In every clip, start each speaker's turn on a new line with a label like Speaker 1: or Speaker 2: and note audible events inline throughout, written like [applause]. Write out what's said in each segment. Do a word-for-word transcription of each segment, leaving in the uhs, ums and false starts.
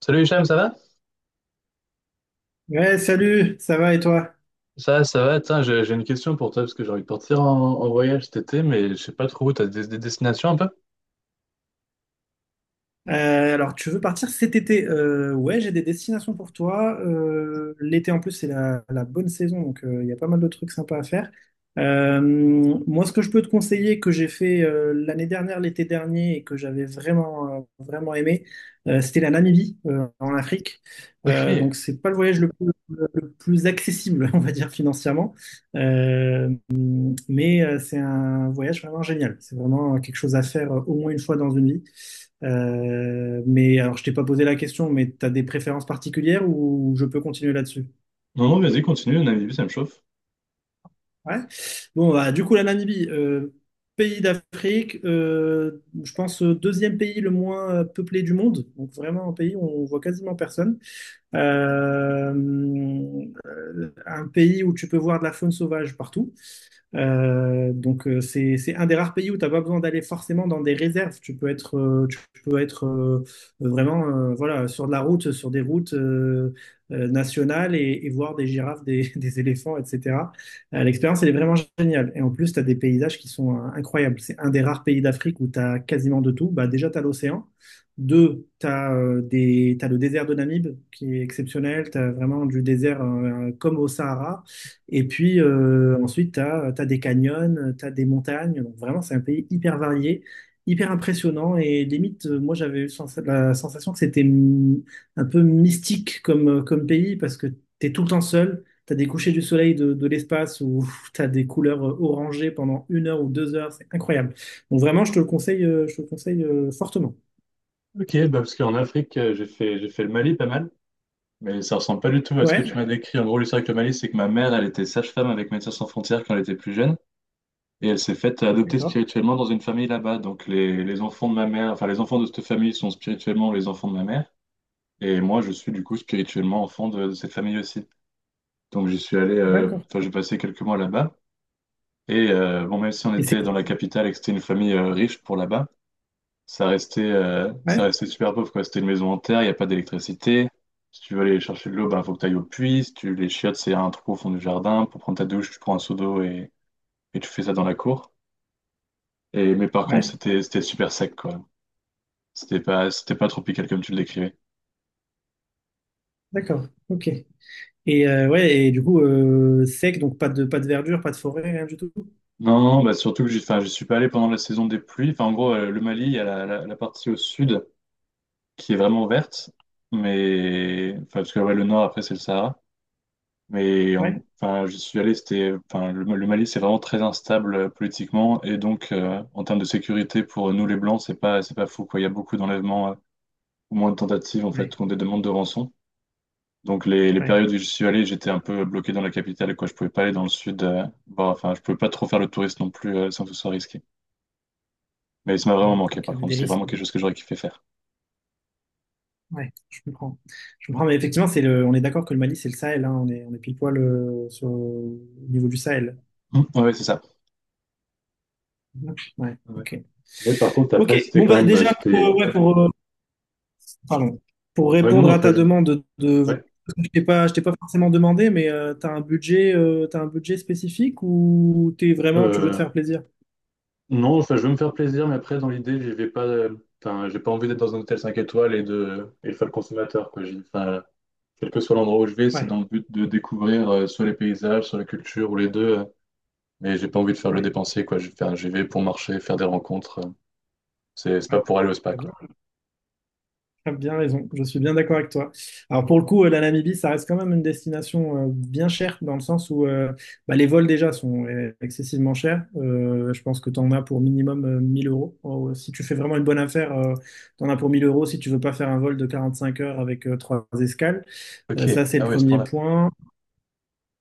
Speaker 1: Salut Hicham, ça va?
Speaker 2: Ouais, salut, ça va et toi?
Speaker 1: Ça, ça va, tiens, j'ai j'ai une question pour toi parce que j'ai envie de partir en, en voyage cet été, mais je sais pas trop où, t'as des, des destinations un peu?
Speaker 2: Euh, alors, tu veux partir cet été? Euh, ouais, j'ai des destinations pour toi. Euh, l'été, en plus, c'est la, la bonne saison, donc euh, il y a pas mal de trucs sympas à faire. Euh, Moi, ce que je peux te conseiller, que j'ai fait euh, l'année dernière, l'été dernier, et que j'avais vraiment, euh, vraiment aimé, euh, c'était la Namibie, euh, en Afrique.
Speaker 1: Ok.
Speaker 2: Euh, donc, c'est pas le voyage le plus, le plus accessible, [laughs] on va dire, financièrement. Euh, Mais euh, c'est un voyage vraiment génial. C'est vraiment quelque chose à faire euh, au moins une fois dans une vie. Euh, mais alors, je t'ai pas posé la question, mais tu as des préférences particulières ou je peux continuer là-dessus?
Speaker 1: Non, non, vas-y, continue, Namibie, ça me chauffe.
Speaker 2: Ouais. Bon, bah, du coup, la Namibie, euh, pays d'Afrique, euh, je pense euh, deuxième pays le moins euh, peuplé du monde. Donc vraiment un pays où on voit quasiment personne. Euh, euh, un pays où tu peux voir de la faune sauvage partout. Euh, donc euh, c'est c'est un des rares pays où tu n'as pas besoin d'aller forcément dans des réserves. Tu peux être euh, tu peux être euh, vraiment euh, voilà sur de la route, sur des routes euh, euh, nationales et, et voir des girafes, des, [laughs] des éléphants, et cetera. Euh, l'expérience elle est vraiment géniale. Et en plus tu as des paysages qui sont euh, incroyables. C'est un des rares pays d'Afrique où tu as quasiment de tout. Bah déjà tu as l'océan. Deux, tu as, des, t'as le désert de Namib qui est exceptionnel. Tu as vraiment du désert euh, comme au Sahara. Et puis euh, ensuite, tu as des canyons, tu as des montagnes. Donc vraiment, c'est un pays hyper varié, hyper impressionnant. Et limite, euh, moi, j'avais eu sens- la sensation que c'était mm, un peu mystique comme, euh, comme pays parce que tu es tout le temps seul. Tu as des couchers du soleil de, de l'espace où [laughs] tu as des couleurs euh, orangées pendant une heure ou deux heures. C'est incroyable. Donc vraiment, je te le conseille, euh, je te le conseille euh, fortement.
Speaker 1: Ok, bah parce qu'en Afrique, euh, j'ai fait, j'ai fait le Mali pas mal, mais ça ressemble pas du tout à ce que
Speaker 2: Ouais,
Speaker 1: tu m'as décrit. En gros, l'histoire avec le Mali, c'est que ma mère, elle était sage-femme avec Médecins Sans Frontières quand elle était plus jeune, et elle s'est faite adopter
Speaker 2: d'accord,
Speaker 1: spirituellement dans une famille là-bas. Donc les, les enfants de ma mère, enfin les enfants de cette famille sont spirituellement les enfants de ma mère. Et moi, je suis du coup spirituellement enfant de, de cette famille aussi. Donc j'y suis allé, euh,
Speaker 2: d'accord.
Speaker 1: enfin j'ai passé quelques mois là-bas. Et euh, bon, même si on
Speaker 2: Et c'est...
Speaker 1: était dans la capitale et que c'était une famille euh, riche pour là-bas, ça restait, euh, ça
Speaker 2: Ouais,
Speaker 1: restait super pauvre, quoi. C'était une maison en terre, il n'y a pas d'électricité. Si tu veux aller chercher de l'eau, ben, faut que tu ailles au puits. Si tu les chiottes, c'est un trou au fond du jardin. Pour prendre ta douche, tu prends un seau d'eau et, et tu fais ça dans la cour. Et, mais par contre,
Speaker 2: ouais,
Speaker 1: c'était, c'était super sec, quoi. C'était pas, c'était pas tropical comme tu le décrivais.
Speaker 2: d'accord, ok. Et euh, ouais, et du coup, euh, sec, donc pas de, pas de verdure, pas de forêt, rien du tout.
Speaker 1: Non, bah surtout que je, enfin, je suis pas allé pendant la saison des pluies. Enfin, en gros, euh, le Mali, il y a la, la- la partie au sud qui est vraiment verte, mais enfin, parce que ouais, le nord après c'est le Sahara. Mais en-
Speaker 2: Ouais,
Speaker 1: enfin, je suis allé, c'était enfin le, le Mali, c'est vraiment très instable euh, politiquement et donc euh, en termes de sécurité pour nous les Blancs, c'est pas c'est pas fou quoi. Il y a beaucoup d'enlèvements, euh, ou moins de tentatives en
Speaker 2: ouais,
Speaker 1: fait, ou des demandes de rançon. Donc les, les
Speaker 2: ouais,
Speaker 1: périodes où je suis allé, j'étais un peu bloqué dans la capitale quoi. Je pouvais pas aller dans le sud. Euh, voir- enfin, je pouvais pas trop faire le touriste non plus euh, sans que ce soit risqué. Mais ça m'a vraiment
Speaker 2: ouais.
Speaker 1: manqué,
Speaker 2: Donc il y
Speaker 1: par
Speaker 2: avait
Speaker 1: contre.
Speaker 2: des
Speaker 1: C'est
Speaker 2: risques.
Speaker 1: vraiment quelque chose que j'aurais kiffé faire.
Speaker 2: Ouais, je comprends. Je comprends, mais effectivement, c'est le, on est d'accord que le Mali, c'est le Sahel, hein, on est, on est pile poil euh, sur, au niveau du Sahel.
Speaker 1: Mm. Ouais, c'est ça.
Speaker 2: Ouais,
Speaker 1: Ouais.
Speaker 2: ok.
Speaker 1: Mais par contre,
Speaker 2: Ok,
Speaker 1: après, c'était
Speaker 2: bon,
Speaker 1: quand
Speaker 2: bah,
Speaker 1: même. euh,
Speaker 2: déjà, pour,
Speaker 1: C'était...
Speaker 2: euh, ouais, pour, euh, pardon, pour
Speaker 1: Ouais, non,
Speaker 2: répondre à
Speaker 1: après,
Speaker 2: ta
Speaker 1: je...
Speaker 2: demande de.
Speaker 1: ouais.
Speaker 2: Je t'ai pas, je t'ai pas forcément demandé, mais euh, t'as un budget, euh, t'as un budget spécifique ou t'es vraiment, tu veux te
Speaker 1: Euh,
Speaker 2: faire plaisir?
Speaker 1: non, enfin, je veux me faire plaisir, mais après, dans l'idée, je vais pas. Euh, Enfin, j'ai pas envie d'être dans un hôtel cinq étoiles et de, et de faire le consommateur, quoi. J'ai- Enfin, quel que soit l'endroit où je vais, c'est
Speaker 2: Ouais,
Speaker 1: dans le but de découvrir euh, soit les paysages, soit la culture, ou les deux. Euh, mais j'ai pas envie de faire le
Speaker 2: ouais,
Speaker 1: dépensier, quoi. Je vais faire- j'y vais pour marcher, faire des rencontres. euh. c'est c'est
Speaker 2: ouais.
Speaker 1: pas pour aller au spa,
Speaker 2: T'as
Speaker 1: quoi.
Speaker 2: bien. T'as bien raison, je suis bien d'accord avec toi. Alors pour le coup, euh, la Namibie, ça reste quand même une destination euh, bien chère dans le sens où euh, bah, les vols déjà sont euh, excessivement chers. Euh, je pense que tu en as pour minimum euh, mille euros. Oh, si tu fais vraiment une bonne affaire, tu en as pour mille euros si tu veux pas faire un vol de quarante-cinq heures avec euh, trois escales. Euh,
Speaker 1: Ok,
Speaker 2: ça, c'est le
Speaker 1: ah ouais, à ce
Speaker 2: premier
Speaker 1: point-là.
Speaker 2: point.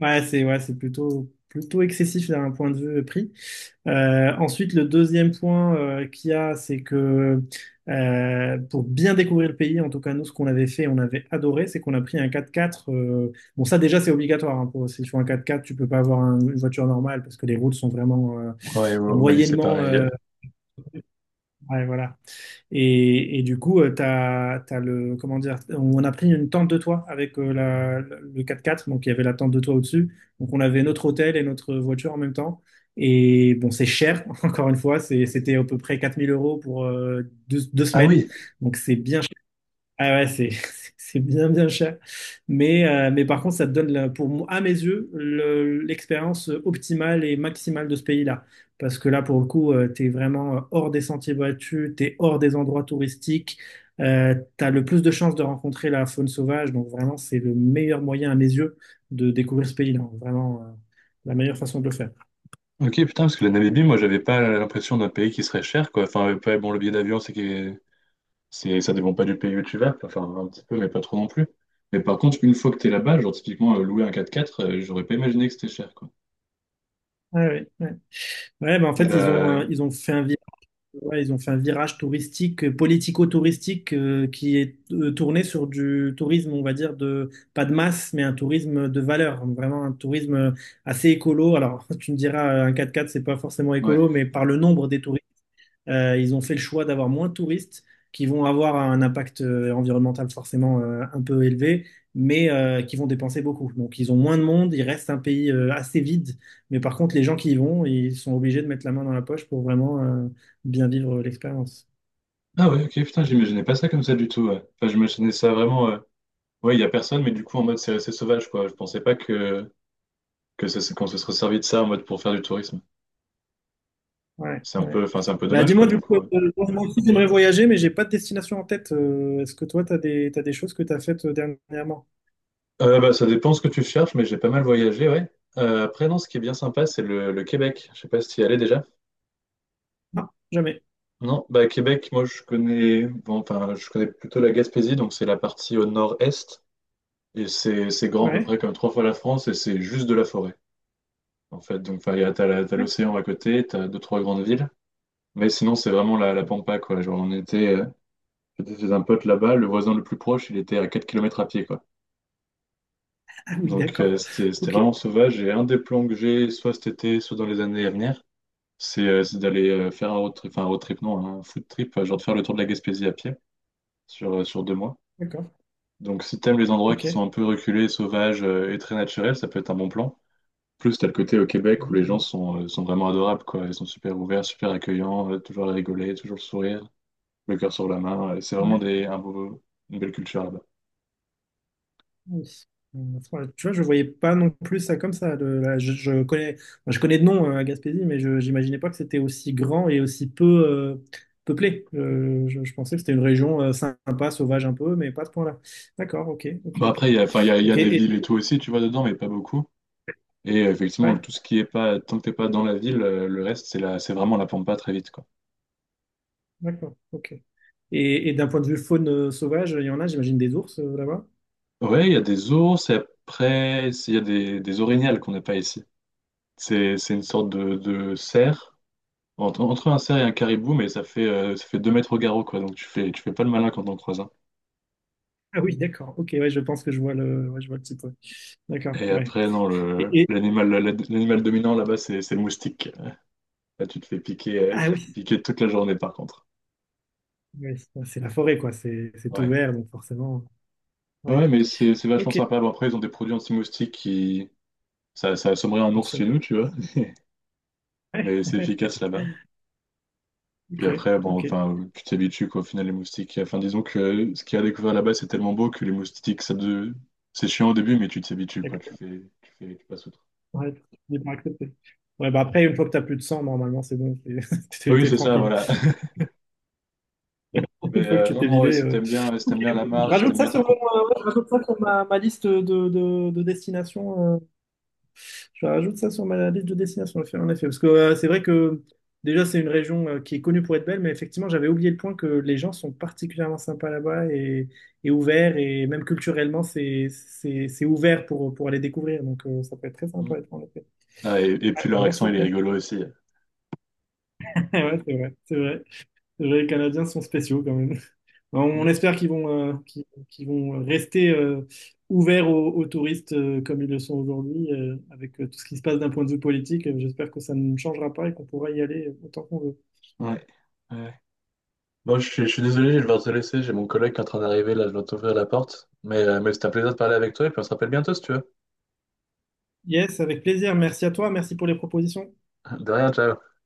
Speaker 2: Ouais, c'est, ouais, c'est plutôt plutôt excessif d'un point de vue euh, prix. Euh, ensuite, le deuxième point euh, qu'il y a, c'est que euh, pour bien découvrir le pays, en tout cas nous, ce qu'on avait fait, on avait adoré, c'est qu'on a pris un quatre-quatre. euh, bon, ça déjà, c'est obligatoire. Hein, pour, si tu fais un quatre-quatre, tu peux pas avoir un- une voiture normale parce que les routes sont vraiment euh,
Speaker 1: Ouais, au au Mali, c'est
Speaker 2: moyennement.
Speaker 1: pareil.
Speaker 2: Euh, ouais, voilà. Et, et du coup, euh, t'as, t'as le, comment dire, on a pris une tente de toit avec euh, la, le quatre-quatre, donc il y avait la tente de toit au-dessus. Donc on avait notre hôtel et notre voiture en même temps. Et bon, c'est cher, [laughs] encore une fois, c'est- c'était à peu près quatre mille euros pour euh, deux, deux
Speaker 1: Ah
Speaker 2: semaines.
Speaker 1: oui,
Speaker 2: Donc c'est bien, ah ouais, c'est [laughs] c'est bien bien cher. Mais, euh, mais par contre, ça te donne, la- pour moi, à mes yeux, le- l'expérience optimale et maximale de ce pays-là. Parce que là, pour le coup, euh, t'es vraiment euh, hors des sentiers battus, t'es hors des endroits touristiques, euh, t'as le plus de chances de rencontrer la faune sauvage. Donc vraiment, c'est le meilleur moyen, à mes yeux, de découvrir ce pays-là. Vraiment, euh, la meilleure façon de le faire.
Speaker 1: ok, putain, parce que la Namibie, moi, j'avais pas l'impression d'un pays qui serait cher, quoi. Enfin, ouais, bon, le billet d'avion, c'est que c'est, ça dépend pas du pays où tu vas, enfin, un petit peu, mais pas trop non plus. Mais par contre, une fois que t'es là-bas, genre, typiquement, euh, louer un quatre-quatre, euh, j'aurais pas imaginé que c'était cher, quoi.
Speaker 2: Ouais, ouais, ouais. Ouais, bah, en
Speaker 1: Et
Speaker 2: fait, ils ont, euh,
Speaker 1: là,
Speaker 2: ils ont fait un virage, ils ont fait un virage touristique, euh, politico-touristique, euh, qui est euh, tourné sur du tourisme, on va dire, de, pas de masse, mais un tourisme de valeur, vraiment un tourisme euh, assez écolo. Alors, [laughs] tu me diras, euh, un quatre fois quatre, c'est pas forcément
Speaker 1: ouais.
Speaker 2: écolo, mais par le nombre des touristes euh, ils ont fait le choix d'avoir moins de touristes qui vont avoir un impact euh, environnemental forcément euh, un peu élevé, mais euh, qui vont dépenser beaucoup. Donc ils ont moins de monde, il reste un pays euh, assez vide, mais par contre les gens qui y vont, ils sont obligés de mettre la main dans la poche pour vraiment euh, bien vivre l'expérience.
Speaker 1: Ah ouais, ok, putain, j'imaginais pas ça comme ça du tout, ouais. Enfin, j'imaginais ça vraiment, euh, ouais, il y a personne, mais du coup, en mode, c'est resté sauvage, quoi. Je pensais pas que, que ça- Qu'on se serait servi de ça en mode pour faire du tourisme.
Speaker 2: Ouais,
Speaker 1: C'est un peu,
Speaker 2: ouais.
Speaker 1: enfin, c'est un peu
Speaker 2: Bah
Speaker 1: dommage, quoi,
Speaker 2: dis-moi du
Speaker 1: du
Speaker 2: coup,
Speaker 1: coup.
Speaker 2: euh, moi aussi j'aimerais voyager, mais j'ai pas de destination en tête. Euh, est-ce que toi, tu as des, t'as des choses que tu as faites euh, dernièrement?
Speaker 1: Euh, bah, ça dépend ce que tu cherches, mais j'ai pas mal voyagé, ouais. Euh, après, non, ce qui est bien sympa, c'est le, le Québec. Je sais pas si tu y allais déjà.
Speaker 2: Non, jamais.
Speaker 1: Non, bah, Québec, moi, je connais, bon, enfin, je connais plutôt la Gaspésie, donc c'est la partie au nord-est, et c'est c'est grand à peu
Speaker 2: Ouais.
Speaker 1: près comme trois fois la France, et c'est juste de la forêt, en fait. Donc, enfin, il y a- t'as la- t'as l'océan à côté, t'as deux, trois grandes villes, mais sinon, c'est vraiment la, la pampa, quoi. Genre, on était, euh, j'étais chez un pote là-bas, le voisin le plus proche, il était à quatre kilomètres à pied, quoi.
Speaker 2: Ah oui,
Speaker 1: Donc, euh,
Speaker 2: d'accord.
Speaker 1: c'était, c'était
Speaker 2: Ok,
Speaker 1: vraiment sauvage. Et un des plans que j'ai, soit cet été, soit dans les années à venir, c'est euh, c'est d'aller euh, faire un road trip, enfin un road trip, non, un food trip, euh, genre de faire le tour de la Gaspésie à pied sur, euh, sur deux mois.
Speaker 2: d'accord.
Speaker 1: Donc, si t'aimes les endroits
Speaker 2: Ok.
Speaker 1: qui sont
Speaker 2: Oui,
Speaker 1: un peu reculés, sauvages euh, et très naturels, ça peut être un bon plan. Plus, t'as le côté au Québec où les gens
Speaker 2: oui.
Speaker 1: sont, euh, sont vraiment adorables, quoi. Ils sont super ouverts, super accueillants, euh, toujours à rigoler, toujours le sourire, le cœur sur la main. Euh, C'est vraiment
Speaker 2: Ouais.
Speaker 1: des, un beau- une belle culture là-bas.
Speaker 2: Oui. Euh, ouais, tu vois, je voyais pas non plus ça comme ça. le- la- je, je connais, enfin, je connais de nom euh, Gaspésie, mais je n'imaginais pas que c'était aussi grand et aussi peu euh, peuplé. Euh, je, je pensais que c'était une région euh, sympa, sauvage un peu, mais pas à ce point-là. D'accord, ok, ok,
Speaker 1: Bon
Speaker 2: ok.
Speaker 1: après, il y a, enfin, il y a, il y a
Speaker 2: Ok,
Speaker 1: des
Speaker 2: et,
Speaker 1: villes et tout aussi, tu vois, dedans, mais pas beaucoup. Et euh, effectivement,
Speaker 2: ouais,
Speaker 1: tout ce qui est pas, tant que t'es pas dans la ville, euh, le reste, c'est la, c'est vraiment la pampa très vite, quoi.
Speaker 2: d'accord, ok. Et, et d'un point de vue faune euh, sauvage, il y en a, j'imagine, des ours euh, là-bas?
Speaker 1: Ouais, il y a des ours, et après, c'est- il y a des, des orignales qu'on n'a pas ici. C'est, c'est une sorte de, de cerf, entre, entre un cerf et un caribou, mais ça fait, euh, ça fait deux mètres au garrot, quoi. Donc tu fais, tu fais pas le malin quand on croise un.
Speaker 2: Ah oui, d'accord. Ok, ouais, je pense que je vois le, ouais, je vois le type. Ouais. D'accord.
Speaker 1: Et
Speaker 2: Ouais.
Speaker 1: après, non, le,
Speaker 2: Et, et-
Speaker 1: l'animal, la- la- l'animal dominant là-bas, c'est, c'est le moustique. Là, tu te fais piquer, euh,
Speaker 2: ah
Speaker 1: tu te fais
Speaker 2: oui,
Speaker 1: piquer toute la journée, par contre.
Speaker 2: ouais, c'est la forêt, quoi. C'est c'est tout
Speaker 1: Ouais.
Speaker 2: vert, donc forcément. Ouais.
Speaker 1: Ouais, mais c'est c'est vachement
Speaker 2: Ok.
Speaker 1: sympa. Bon, après, ils ont des produits anti-moustiques qui. Ça, ça assommerait un
Speaker 2: Donc,
Speaker 1: ours
Speaker 2: sur-
Speaker 1: chez nous, tu vois. Mais c'est
Speaker 2: ouais. [laughs]
Speaker 1: efficace là-bas. Puis
Speaker 2: Ok.
Speaker 1: après, bon,
Speaker 2: Ok.
Speaker 1: enfin, tu t'habitues, quoi, au final, les moustiques. Enfin, disons que ce qu'il y a à découvert là-bas, c'est tellement beau que les moustiques, ça de... c'est chiant au début, mais tu t'habitues, quoi. Tu
Speaker 2: D'accord.
Speaker 1: fais, tu fais, tu passes outre.
Speaker 2: Ouais, j'ai pas accepté. Ouais, bah après, une fois que t'as plus de sang, normalement, c'est bon. T'es [laughs] t'es-
Speaker 1: Oui,
Speaker 2: t'es
Speaker 1: c'est ça,
Speaker 2: tranquille.
Speaker 1: voilà. [laughs]
Speaker 2: [laughs] Une
Speaker 1: Mais
Speaker 2: fois que
Speaker 1: euh,
Speaker 2: tu
Speaker 1: non,
Speaker 2: t'es
Speaker 1: non, ouais,
Speaker 2: vidé.
Speaker 1: si
Speaker 2: euh.
Speaker 1: t'aimes bien, si t'aimes bien la
Speaker 2: Je
Speaker 1: marche, si t'aimes
Speaker 2: rajoute
Speaker 1: bien
Speaker 2: ça
Speaker 1: être
Speaker 2: sur
Speaker 1: en
Speaker 2: mon,
Speaker 1: contact.
Speaker 2: euh, Ouais, je rajoute ça sur ma, ma liste de, de, de destinations. Euh, Je rajoute ça sur ma liste de destinations, en effet. En effet. Parce que euh, c'est vrai que déjà, c'est une région euh, qui est connue pour être belle, mais effectivement, j'avais oublié le point que les gens sont particulièrement sympas là-bas et, et ouverts, et même culturellement, c'est c'est- c'est ouvert pour, pour aller découvrir. Donc, euh, ça peut être très
Speaker 1: Mm.
Speaker 2: sympa, en effet.
Speaker 1: Ah, et, et
Speaker 2: Ouais,
Speaker 1: puis
Speaker 2: bah,
Speaker 1: leur accent, il
Speaker 2: merci.
Speaker 1: est
Speaker 2: [laughs]
Speaker 1: rigolo aussi.
Speaker 2: Ouais, c'est vrai, c'est vrai. C'est vrai, les Canadiens sont spéciaux quand même. On,
Speaker 1: Mm.
Speaker 2: on espère qu'ils vont, euh, qu'ils, qu'ils vont rester euh, ouverts aux, aux touristes euh, comme ils le sont aujourd'hui, euh, avec euh, tout ce qui se passe d'un point de vue politique. Euh, J'espère que ça ne changera pas et qu'on pourra y aller euh, autant qu'on veut.
Speaker 1: Ouais. Ouais. Bon, je suis, je suis désolé, je vais devoir te laisser. J'ai mon collègue qui est en train d'arriver là, je dois t'ouvrir la porte. Mais, euh, mais c'était un plaisir de parler avec toi et puis on se rappelle bientôt si tu veux.
Speaker 2: Yes, avec plaisir. Merci à toi. Merci pour les propositions.
Speaker 1: [laughs] De rien, ciao.